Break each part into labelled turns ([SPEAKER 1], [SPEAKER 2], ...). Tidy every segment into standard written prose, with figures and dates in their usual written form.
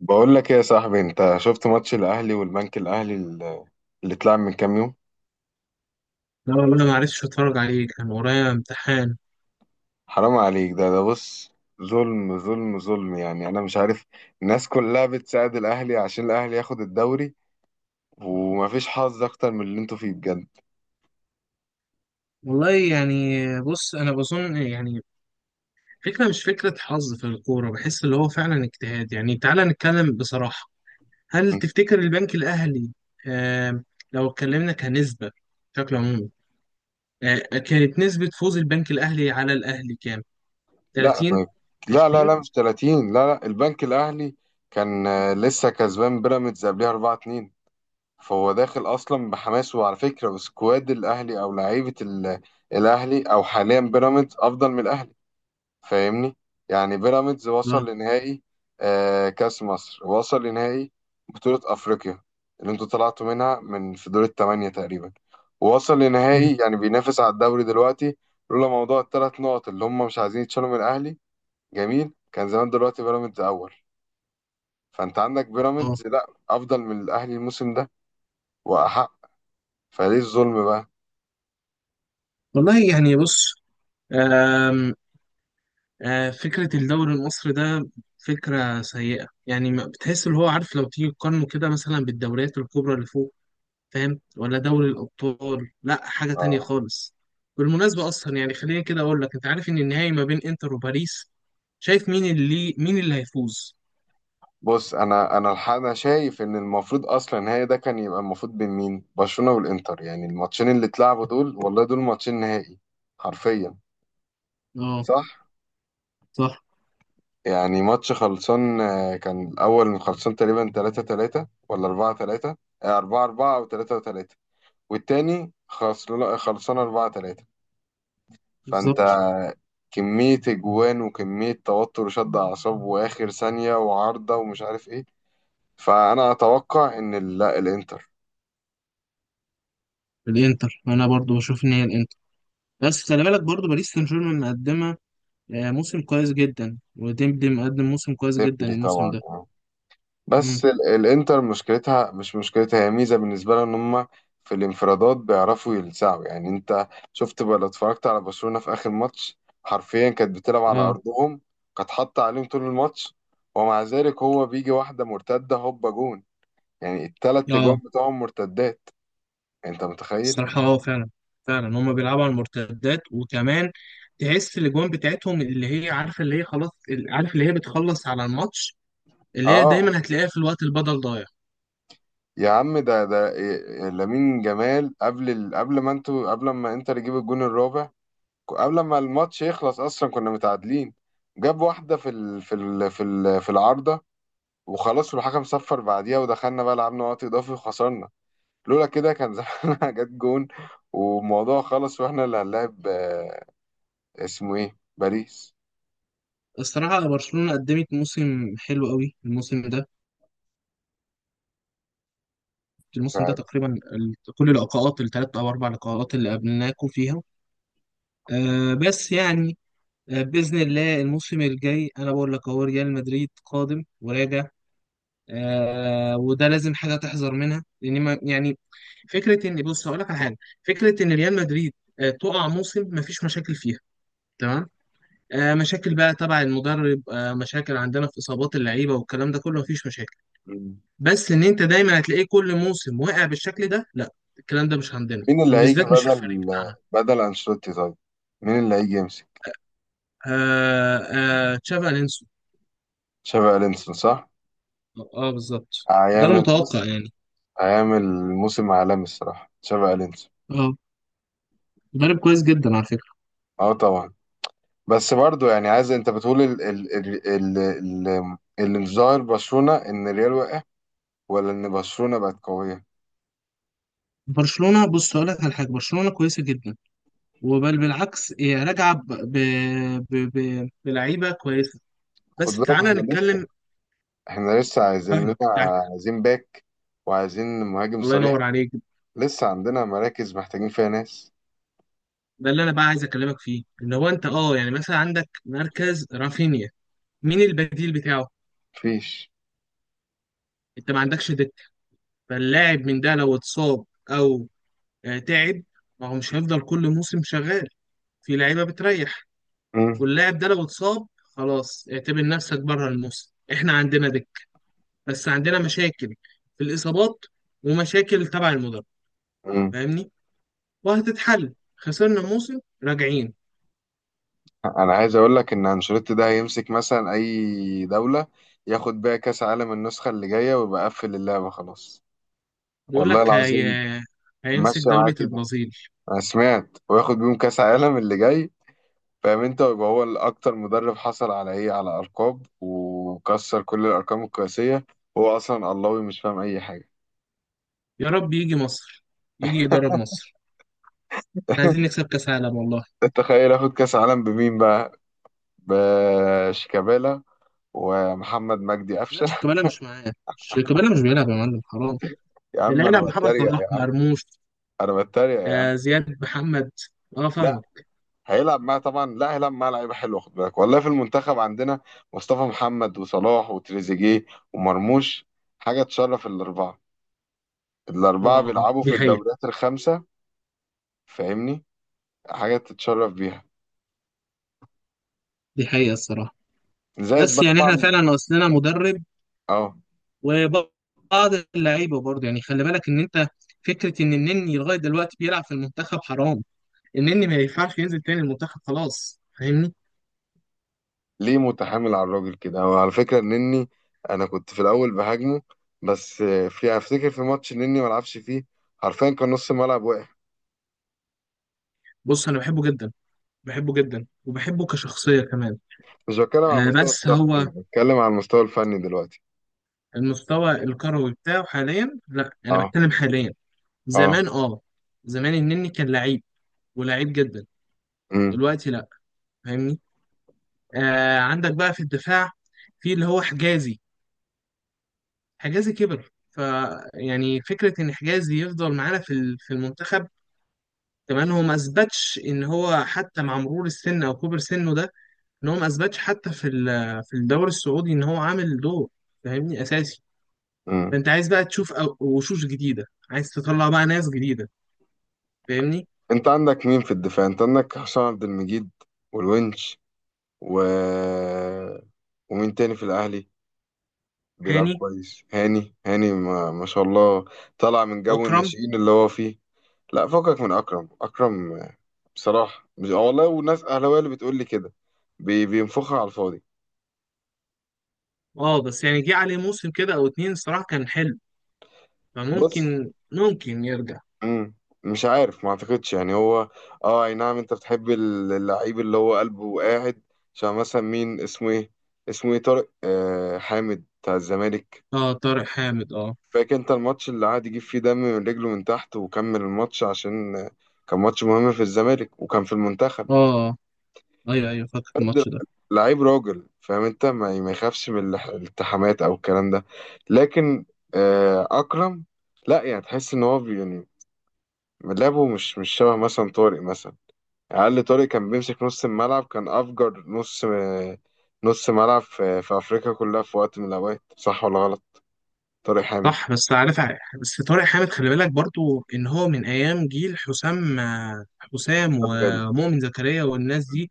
[SPEAKER 1] بقول لك ايه يا صاحبي، انت شفت ماتش الاهلي والبنك الاهلي اللي اتلعب من كام يوم؟
[SPEAKER 2] لا والله ما عرفتش اتفرج عليه، كان ورايا امتحان.
[SPEAKER 1] حرام عليك. ده بص، ظلم ظلم ظلم. يعني انا مش عارف، الناس كلها بتساعد الاهلي عشان الاهلي ياخد الدوري. ومفيش حظ اكتر من اللي انتوا فيه بجد.
[SPEAKER 2] والله يعني بص، انا بظن، يعني فكره، مش فكره حظ في الكوره. بحس اللي هو فعلا اجتهاد. يعني تعالى نتكلم بصراحه. هل تفتكر البنك الاهلي؟ آه. لو اتكلمنا كنسبه، بشكل عمومي، كانت نسبه فوز البنك الاهلي على الاهلي كام؟
[SPEAKER 1] لا،
[SPEAKER 2] 30.
[SPEAKER 1] لا لا
[SPEAKER 2] 20.
[SPEAKER 1] لا، مش 30، لا لا. البنك الاهلي كان، لسه كسبان بيراميدز قبلها 4-2، فهو داخل اصلا بحماس. وعلى فكره، سكواد الاهلي او لعيبه الاهلي، او حاليا بيراميدز، افضل من الاهلي. فاهمني؟ يعني بيراميدز وصل
[SPEAKER 2] اه.
[SPEAKER 1] لنهائي كأس مصر، وصل لنهائي بطولة أفريقيا اللي انتوا طلعتوا منها من في دور الثمانية تقريبا، ووصل
[SPEAKER 2] مم.
[SPEAKER 1] لنهائي. يعني بينافس على الدوري دلوقتي، لولا موضوع الثلاث نقط اللي هم مش عايزين يتشالوا من الأهلي. جميل، كان زمان دلوقتي بيراميدز أول. فأنت عندك
[SPEAKER 2] اه
[SPEAKER 1] بيراميدز لا أفضل من الأهلي الموسم ده، وأحق. فليه الظلم بقى؟
[SPEAKER 2] والله يعني بص، فكرة الدوري المصري ده فكرة سيئة. يعني بتحس اللي هو عارف، لو تيجي تقارنه كده مثلا بالدوريات الكبرى اللي فوق، فاهم؟ ولا دوري الأبطال، لا حاجة تانية
[SPEAKER 1] آه.
[SPEAKER 2] خالص. بالمناسبة أصلا يعني خليني كده أقول لك، أنت عارف إن النهائي ما بين إنتر وباريس؟ شايف مين اللي هيفوز؟
[SPEAKER 1] بص، انا الحق، انا شايف ان المفروض اصلا هي ده كان يبقى المفروض بين مين؟ برشلونة والانتر. يعني الماتشين اللي اتلعبوا دول، والله دول ماتشين نهائي حرفيا.
[SPEAKER 2] اه.
[SPEAKER 1] صح.
[SPEAKER 2] صح.
[SPEAKER 1] يعني ماتش خلصان، كان الاول خلصان تقريبا 3-3 ولا 4-3، 4-4 او 3-3، والتاني خلصان خلصان 4-3.
[SPEAKER 2] بالظبط.
[SPEAKER 1] فانت كمية اجوان وكمية توتر وشد اعصاب واخر ثانية وعارضة ومش عارف ايه. فانا اتوقع ان لا الانتر.
[SPEAKER 2] الانتر، انا برضو بشوف ان هي الانتر. بس خلي بالك برضو باريس سان جيرمان مقدمه موسم كويس جدا، وديمبلي مقدم موسم كويس جدا
[SPEAKER 1] ديمبلي
[SPEAKER 2] الموسم
[SPEAKER 1] طبعا،
[SPEAKER 2] ده.
[SPEAKER 1] اه.
[SPEAKER 2] امم.
[SPEAKER 1] بس الانتر مشكلتها، مش مشكلتها، هي ميزه بالنسبه لها، ان هم في الانفرادات بيعرفوا يلسعوا. يعني انت شفت بقى لو اتفرجت على برشلونه في اخر ماتش، حرفيا كانت بتلعب على
[SPEAKER 2] اه.
[SPEAKER 1] ارضهم، كانت حاطه عليهم طول الماتش، ومع ذلك هو بيجي واحده مرتده هوبا جون. يعني التلات اجوان
[SPEAKER 2] اه.
[SPEAKER 1] بتوعهم مرتدات. انت متخيل؟
[SPEAKER 2] الصراحة فعلا، فعلا هما بيلعبوا على المرتدات. وكمان تحس الاجوان بتاعتهم اللي هي عارفة، اللي هي خلاص، عارف اللي هي بتخلص على الماتش، اللي هي
[SPEAKER 1] اه.
[SPEAKER 2] دايما هتلاقيها في الوقت البدل ضايع.
[SPEAKER 1] يا عم ده ده لامين جمال قبل قبل ما انتوا، قبل ما انتر يجيب الجون الرابع، قبل ما الماتش يخلص اصلا كنا متعادلين. جاب واحده في في العارضه، وخلاص والحكم صفر بعديها. ودخلنا بقى لعبنا وقت اضافي وخسرنا. لولا كده كان زمانها جت جون والموضوع خلص واحنا اللي هنلاعب، اسمه ايه، باريس.
[SPEAKER 2] الصراحة برشلونة قدمت موسم حلو قوي الموسم ده.
[SPEAKER 1] مش
[SPEAKER 2] الموسم ده
[SPEAKER 1] عارف.
[SPEAKER 2] تقريبا، كل اللقاءات الثلاث أو أربع لقاءات اللي قابلناكوا فيها، بس يعني، بإذن الله الموسم الجاي أنا بقول لك، هو ريال مدريد قادم وراجع. وده لازم حاجه تحذر منها، لان ما يعني، فكره ان، بص هقول لك على حاجه، فكره ان ريال مدريد تقع موسم ما فيش مشاكل فيها، تمام؟ مشاكل بقى تبع المدرب، مشاكل عندنا في اصابات اللعيبه والكلام ده كله، ما فيش مشاكل.
[SPEAKER 1] مين
[SPEAKER 2] بس ان انت دايما هتلاقيه كل موسم واقع بالشكل ده، لا. الكلام ده مش عندنا
[SPEAKER 1] مين اللي هيجي
[SPEAKER 2] بالذات، مش في الفريق
[SPEAKER 1] بدل
[SPEAKER 2] بتاعنا.
[SPEAKER 1] بدل انشيلوتي طيب؟ مين اللي هيجي يمسك؟
[SPEAKER 2] آه. تشافي الونسو.
[SPEAKER 1] تشابي الونسو، صح.
[SPEAKER 2] اه بالظبط، ده
[SPEAKER 1] هيعمل
[SPEAKER 2] المتوقع
[SPEAKER 1] بص،
[SPEAKER 2] يعني.
[SPEAKER 1] هيعمل موسم عالمي الصراحه تشابي الونسو.
[SPEAKER 2] اه. مدرب كويس جدا على فكره.
[SPEAKER 1] اه طبعا. بس برضو، يعني عايز، انت بتقول ال ال ال ال ال اللي مش ظاهر، برشلونة، ان الريال وقع ولا ان برشلونة بقت قوية؟
[SPEAKER 2] برشلونه، بص هقول لك على حاجه، برشلونه كويسه جدا، وبل بالعكس هي راجعه بلعيبه كويسه.
[SPEAKER 1] خد
[SPEAKER 2] بس
[SPEAKER 1] بالك،
[SPEAKER 2] تعالى
[SPEAKER 1] احنا لسه
[SPEAKER 2] نتكلم،
[SPEAKER 1] احنا لسه عايزين لنا،
[SPEAKER 2] فاهمك يعني.
[SPEAKER 1] عايزين باك، وعايزين مهاجم
[SPEAKER 2] الله
[SPEAKER 1] صريح.
[SPEAKER 2] ينور عليك.
[SPEAKER 1] لسه عندنا مراكز محتاجين فيها ناس.
[SPEAKER 2] ده اللي انا بقى عايز اكلمك فيه، ان هو انت يعني مثلا عندك مركز رافينيا، مين البديل بتاعه؟
[SPEAKER 1] مفيش.
[SPEAKER 2] انت ما عندكش دكه، فاللاعب من ده لو اتصاب، او تعب، ما هو مش هيفضل كل موسم شغال، في لعيبه بتريح.
[SPEAKER 1] مم.
[SPEAKER 2] واللاعب ده لو اتصاب، خلاص اعتبر نفسك بره الموسم. احنا عندنا دكه، بس عندنا مشاكل في الاصابات ومشاكل تبع المدرب،
[SPEAKER 1] مم.
[SPEAKER 2] فاهمني؟ وهتتحل، خسرنا موسم راجعين.
[SPEAKER 1] انا عايز اقول لك ان انشيلوتي ده هيمسك مثلا اي دولة، ياخد بيها كاس عالم النسخة اللي جاية ويبقى قفل اللعبة خلاص.
[SPEAKER 2] بيقول
[SPEAKER 1] والله
[SPEAKER 2] لك
[SPEAKER 1] العظيم
[SPEAKER 2] هيمسك
[SPEAKER 1] ماشية معاه
[SPEAKER 2] دولة
[SPEAKER 1] كده،
[SPEAKER 2] البرازيل.
[SPEAKER 1] انا سمعت. وياخد بيهم كاس عالم اللي جاي، فاهم انت، ويبقى هو الاكتر مدرب حصل على ايه، على ارقام، وكسر كل الارقام القياسيه. هو اصلا الله، مش فاهم اي حاجه.
[SPEAKER 2] يا رب يجي مصر، يجي يدرب مصر، إحنا عايزين نكسب كأس عالم والله.
[SPEAKER 1] تخيل اخد كاس عالم بمين بقى؟ بشيكابالا ومحمد مجدي
[SPEAKER 2] لا
[SPEAKER 1] قفشه.
[SPEAKER 2] شيكابالا مش معاه، شيكابالا مش بيلعب يا معلم، حرام.
[SPEAKER 1] يا عم
[SPEAKER 2] العيلة
[SPEAKER 1] انا
[SPEAKER 2] محمد
[SPEAKER 1] بتريق
[SPEAKER 2] صلاح
[SPEAKER 1] يا عم،
[SPEAKER 2] مرموش،
[SPEAKER 1] انا بتريق يا عم.
[SPEAKER 2] زياد محمد. اه
[SPEAKER 1] لا،
[SPEAKER 2] فاهمك.
[SPEAKER 1] هيلعب معاه طبعا. لا، هيلعب معاه لعيبه حلوه، خد بالك. والله في المنتخب عندنا مصطفى محمد وصلاح وتريزيجيه ومرموش. حاجه تشرف. الاربعه، الاربعه
[SPEAKER 2] اه
[SPEAKER 1] بيلعبوا
[SPEAKER 2] دي
[SPEAKER 1] في
[SPEAKER 2] حقيقة.
[SPEAKER 1] الدوريات الخمسه، فاهمني، حاجه تتشرف بيها.
[SPEAKER 2] دي حقيقة الصراحة.
[SPEAKER 1] زائد
[SPEAKER 2] بس
[SPEAKER 1] بقى
[SPEAKER 2] يعني احنا
[SPEAKER 1] طبعا.
[SPEAKER 2] فعلا ناقصنا مدرب
[SPEAKER 1] اه.
[SPEAKER 2] وبعض اللعيبة برضه يعني. خلي بالك ان انت، فكرة ان النني لغاية دلوقتي بيلعب في المنتخب، حرام. النني ما ينفعش ينزل تاني المنتخب، خلاص فاهمني؟
[SPEAKER 1] ليه متحامل على الراجل كده؟ وعلى فكره نني، انا كنت في الاول بهاجمه، بس في، افتكر في ماتش نني ما لعبش فيه، حرفيا كان نص الملعب واقع.
[SPEAKER 2] بص انا بحبه جدا، بحبه جدا وبحبه كشخصية كمان.
[SPEAKER 1] مش بتكلم على المستوى
[SPEAKER 2] بس
[SPEAKER 1] الشخصي،
[SPEAKER 2] هو
[SPEAKER 1] بتكلم على المستوى الفني دلوقتي.
[SPEAKER 2] المستوى الكروي بتاعه حاليا، لا. انا
[SPEAKER 1] اه.
[SPEAKER 2] بتكلم حاليا.
[SPEAKER 1] اه.
[SPEAKER 2] زمان اه، زمان النني كان لعيب، ولعيب جدا.
[SPEAKER 1] امم.
[SPEAKER 2] دلوقتي لا، فاهمني؟ عندك بقى في الدفاع في اللي هو حجازي. حجازي كبر، ف يعني فكرة ان حجازي يفضل معانا في المنتخب. كمان هو ما اثبتش ان هو حتى مع مرور السن او كبر سنه ده، ان هو ما اثبتش حتى في الدوري السعودي ان هو عامل دور، فاهمني؟ اساسي.
[SPEAKER 1] امم.
[SPEAKER 2] فانت عايز بقى تشوف وشوش جديده، عايز تطلع بقى ناس جديده، فاهمني؟
[SPEAKER 1] انت عندك مين في الدفاع؟ انت عندك حسام عبد المجيد والونش، و، ومين تاني في الاهلي بيلعب
[SPEAKER 2] هاني.
[SPEAKER 1] كويس؟ هاني. هاني ما شاء الله، طلع من جو
[SPEAKER 2] اكرم.
[SPEAKER 1] الناشئين اللي هو فيه. لا، فكك من اكرم. اكرم بصراحه مش، والله وناس اهلاويه اللي بتقول لي كده، بينفخها على الفاضي.
[SPEAKER 2] اه بس يعني جه عليه موسم كده او اتنين، الصراحه كان حلو،
[SPEAKER 1] بص.
[SPEAKER 2] فممكن يرجع.
[SPEAKER 1] مم. مش عارف، ما اعتقدش. يعني هو، اه اي نعم، انت بتحب اللعيب اللي هو قلبه قاعد. عشان مثلا مين، اسمه ايه، اسمه ايه، طارق حامد بتاع الزمالك.
[SPEAKER 2] اه طارق حامد اه.
[SPEAKER 1] فاكر انت الماتش اللي قعد يجيب فيه دم من رجله من تحت وكمل الماتش؟ عشان كان ماتش مهم في الزمالك وكان في المنتخب.
[SPEAKER 2] اه ايوه ايوه فاكر الماتش ده.
[SPEAKER 1] لعيب راجل، فاهم انت، ما يخافش من الالتحامات او الكلام ده. لكن، اكرم، لا يعني تحس ان هو، يعني لعبه مش، مش شبه مثلا طارق مثلا، اقل. طارق كان بيمسك نص الملعب، كان افجر نص، نص ملعب في افريقيا كلها في وقت من الاوقات. صح ولا غلط؟ طارق حامد.
[SPEAKER 2] صح. بس عارف، ع- بس طارق حامد خلي بالك برضو ان هو من ايام جيل حسام. حسام
[SPEAKER 1] طب غالي.
[SPEAKER 2] ومؤمن زكريا والناس دي.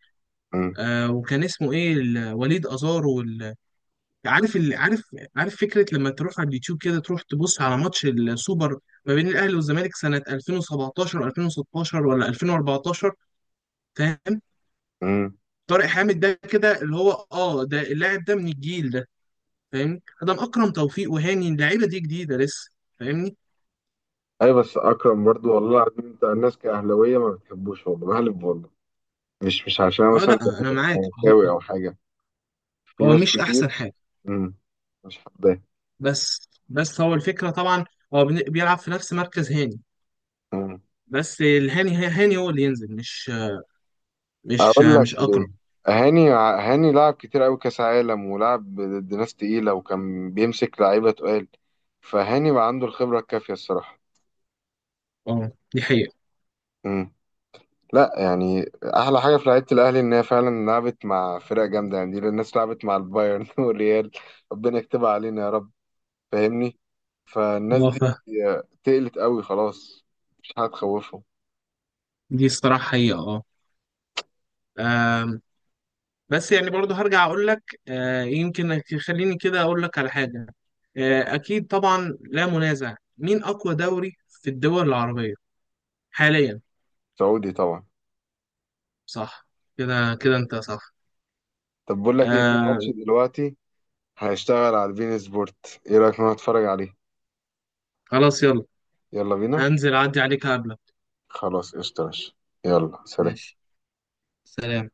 [SPEAKER 1] مم.
[SPEAKER 2] وكان اسمه ايه، وليد ازار وال... عارف ال... عارف عارف. فكره لما تروح على اليوتيوب كده، تروح تبص على ماتش السوبر ما بين الاهلي والزمالك سنه 2017 2016 ولا 2014، فاهم؟
[SPEAKER 1] مم.
[SPEAKER 2] طارق حامد ده كده، اللي هو ده اللاعب ده من الجيل ده، فاهمني؟ ده اكرم توفيق وهاني، اللعيبه دي جديده لسه، فاهمني؟
[SPEAKER 1] ايوه، بس اكرم برضو، والله العظيم انت الناس كاهلاويه ما بتحبوش. والله بحلف والله، مش عشان أنا
[SPEAKER 2] اه
[SPEAKER 1] مثلا
[SPEAKER 2] لا انا معاك.
[SPEAKER 1] زملكاوي
[SPEAKER 2] هو
[SPEAKER 1] او حاجه، في
[SPEAKER 2] هو
[SPEAKER 1] ناس
[SPEAKER 2] مش
[SPEAKER 1] كتير.
[SPEAKER 2] احسن حاجه.
[SPEAKER 1] امم. مش حباه.
[SPEAKER 2] بس هو الفكره طبعا. هو بيلعب في نفس مركز هاني.
[SPEAKER 1] امم.
[SPEAKER 2] بس هاني هو اللي ينزل. مش مش
[SPEAKER 1] اقول لك
[SPEAKER 2] مش اقرب.
[SPEAKER 1] ليه؟ هاني، هاني لعب كتير قوي كاس عالم، ولعب ضد ناس تقيله، وكان بيمسك لعيبه تقال. فهاني بقى عنده الخبره الكافيه الصراحه.
[SPEAKER 2] اه دي حقيقه
[SPEAKER 1] امم. لا يعني احلى حاجه في لعيبه الاهلي، ان هي فعلا لعبت مع فرق جامده. يعني دي الناس لعبت مع البايرن والريال. ربنا يكتبها علينا يا رب، فاهمني. فالناس
[SPEAKER 2] اه.
[SPEAKER 1] دي
[SPEAKER 2] فاهم.
[SPEAKER 1] تقلت قوي خلاص، مش هتخوفهم.
[SPEAKER 2] دي الصراحه حقيقه اه. آم، بس يعني برضه هرجع اقول لك، يمكن. خليني كده اقول لك على حاجه، اكيد طبعا لا منازع، مين اقوى دوري في الدول العربيه حاليا؟
[SPEAKER 1] سعودي طبعا.
[SPEAKER 2] صح. كده كده انت صح.
[SPEAKER 1] طب بقول لك ايه، في
[SPEAKER 2] آه،
[SPEAKER 1] ماتش دلوقتي هيشتغل على البين سبورت، ايه رأيك نروح نتفرج عليه؟
[SPEAKER 2] خلاص يلا.
[SPEAKER 1] يلا بينا.
[SPEAKER 2] انزل اعدي عليك قبلك.
[SPEAKER 1] خلاص قشطة يا باشا. يلا سلام.
[SPEAKER 2] ماشي. سلام.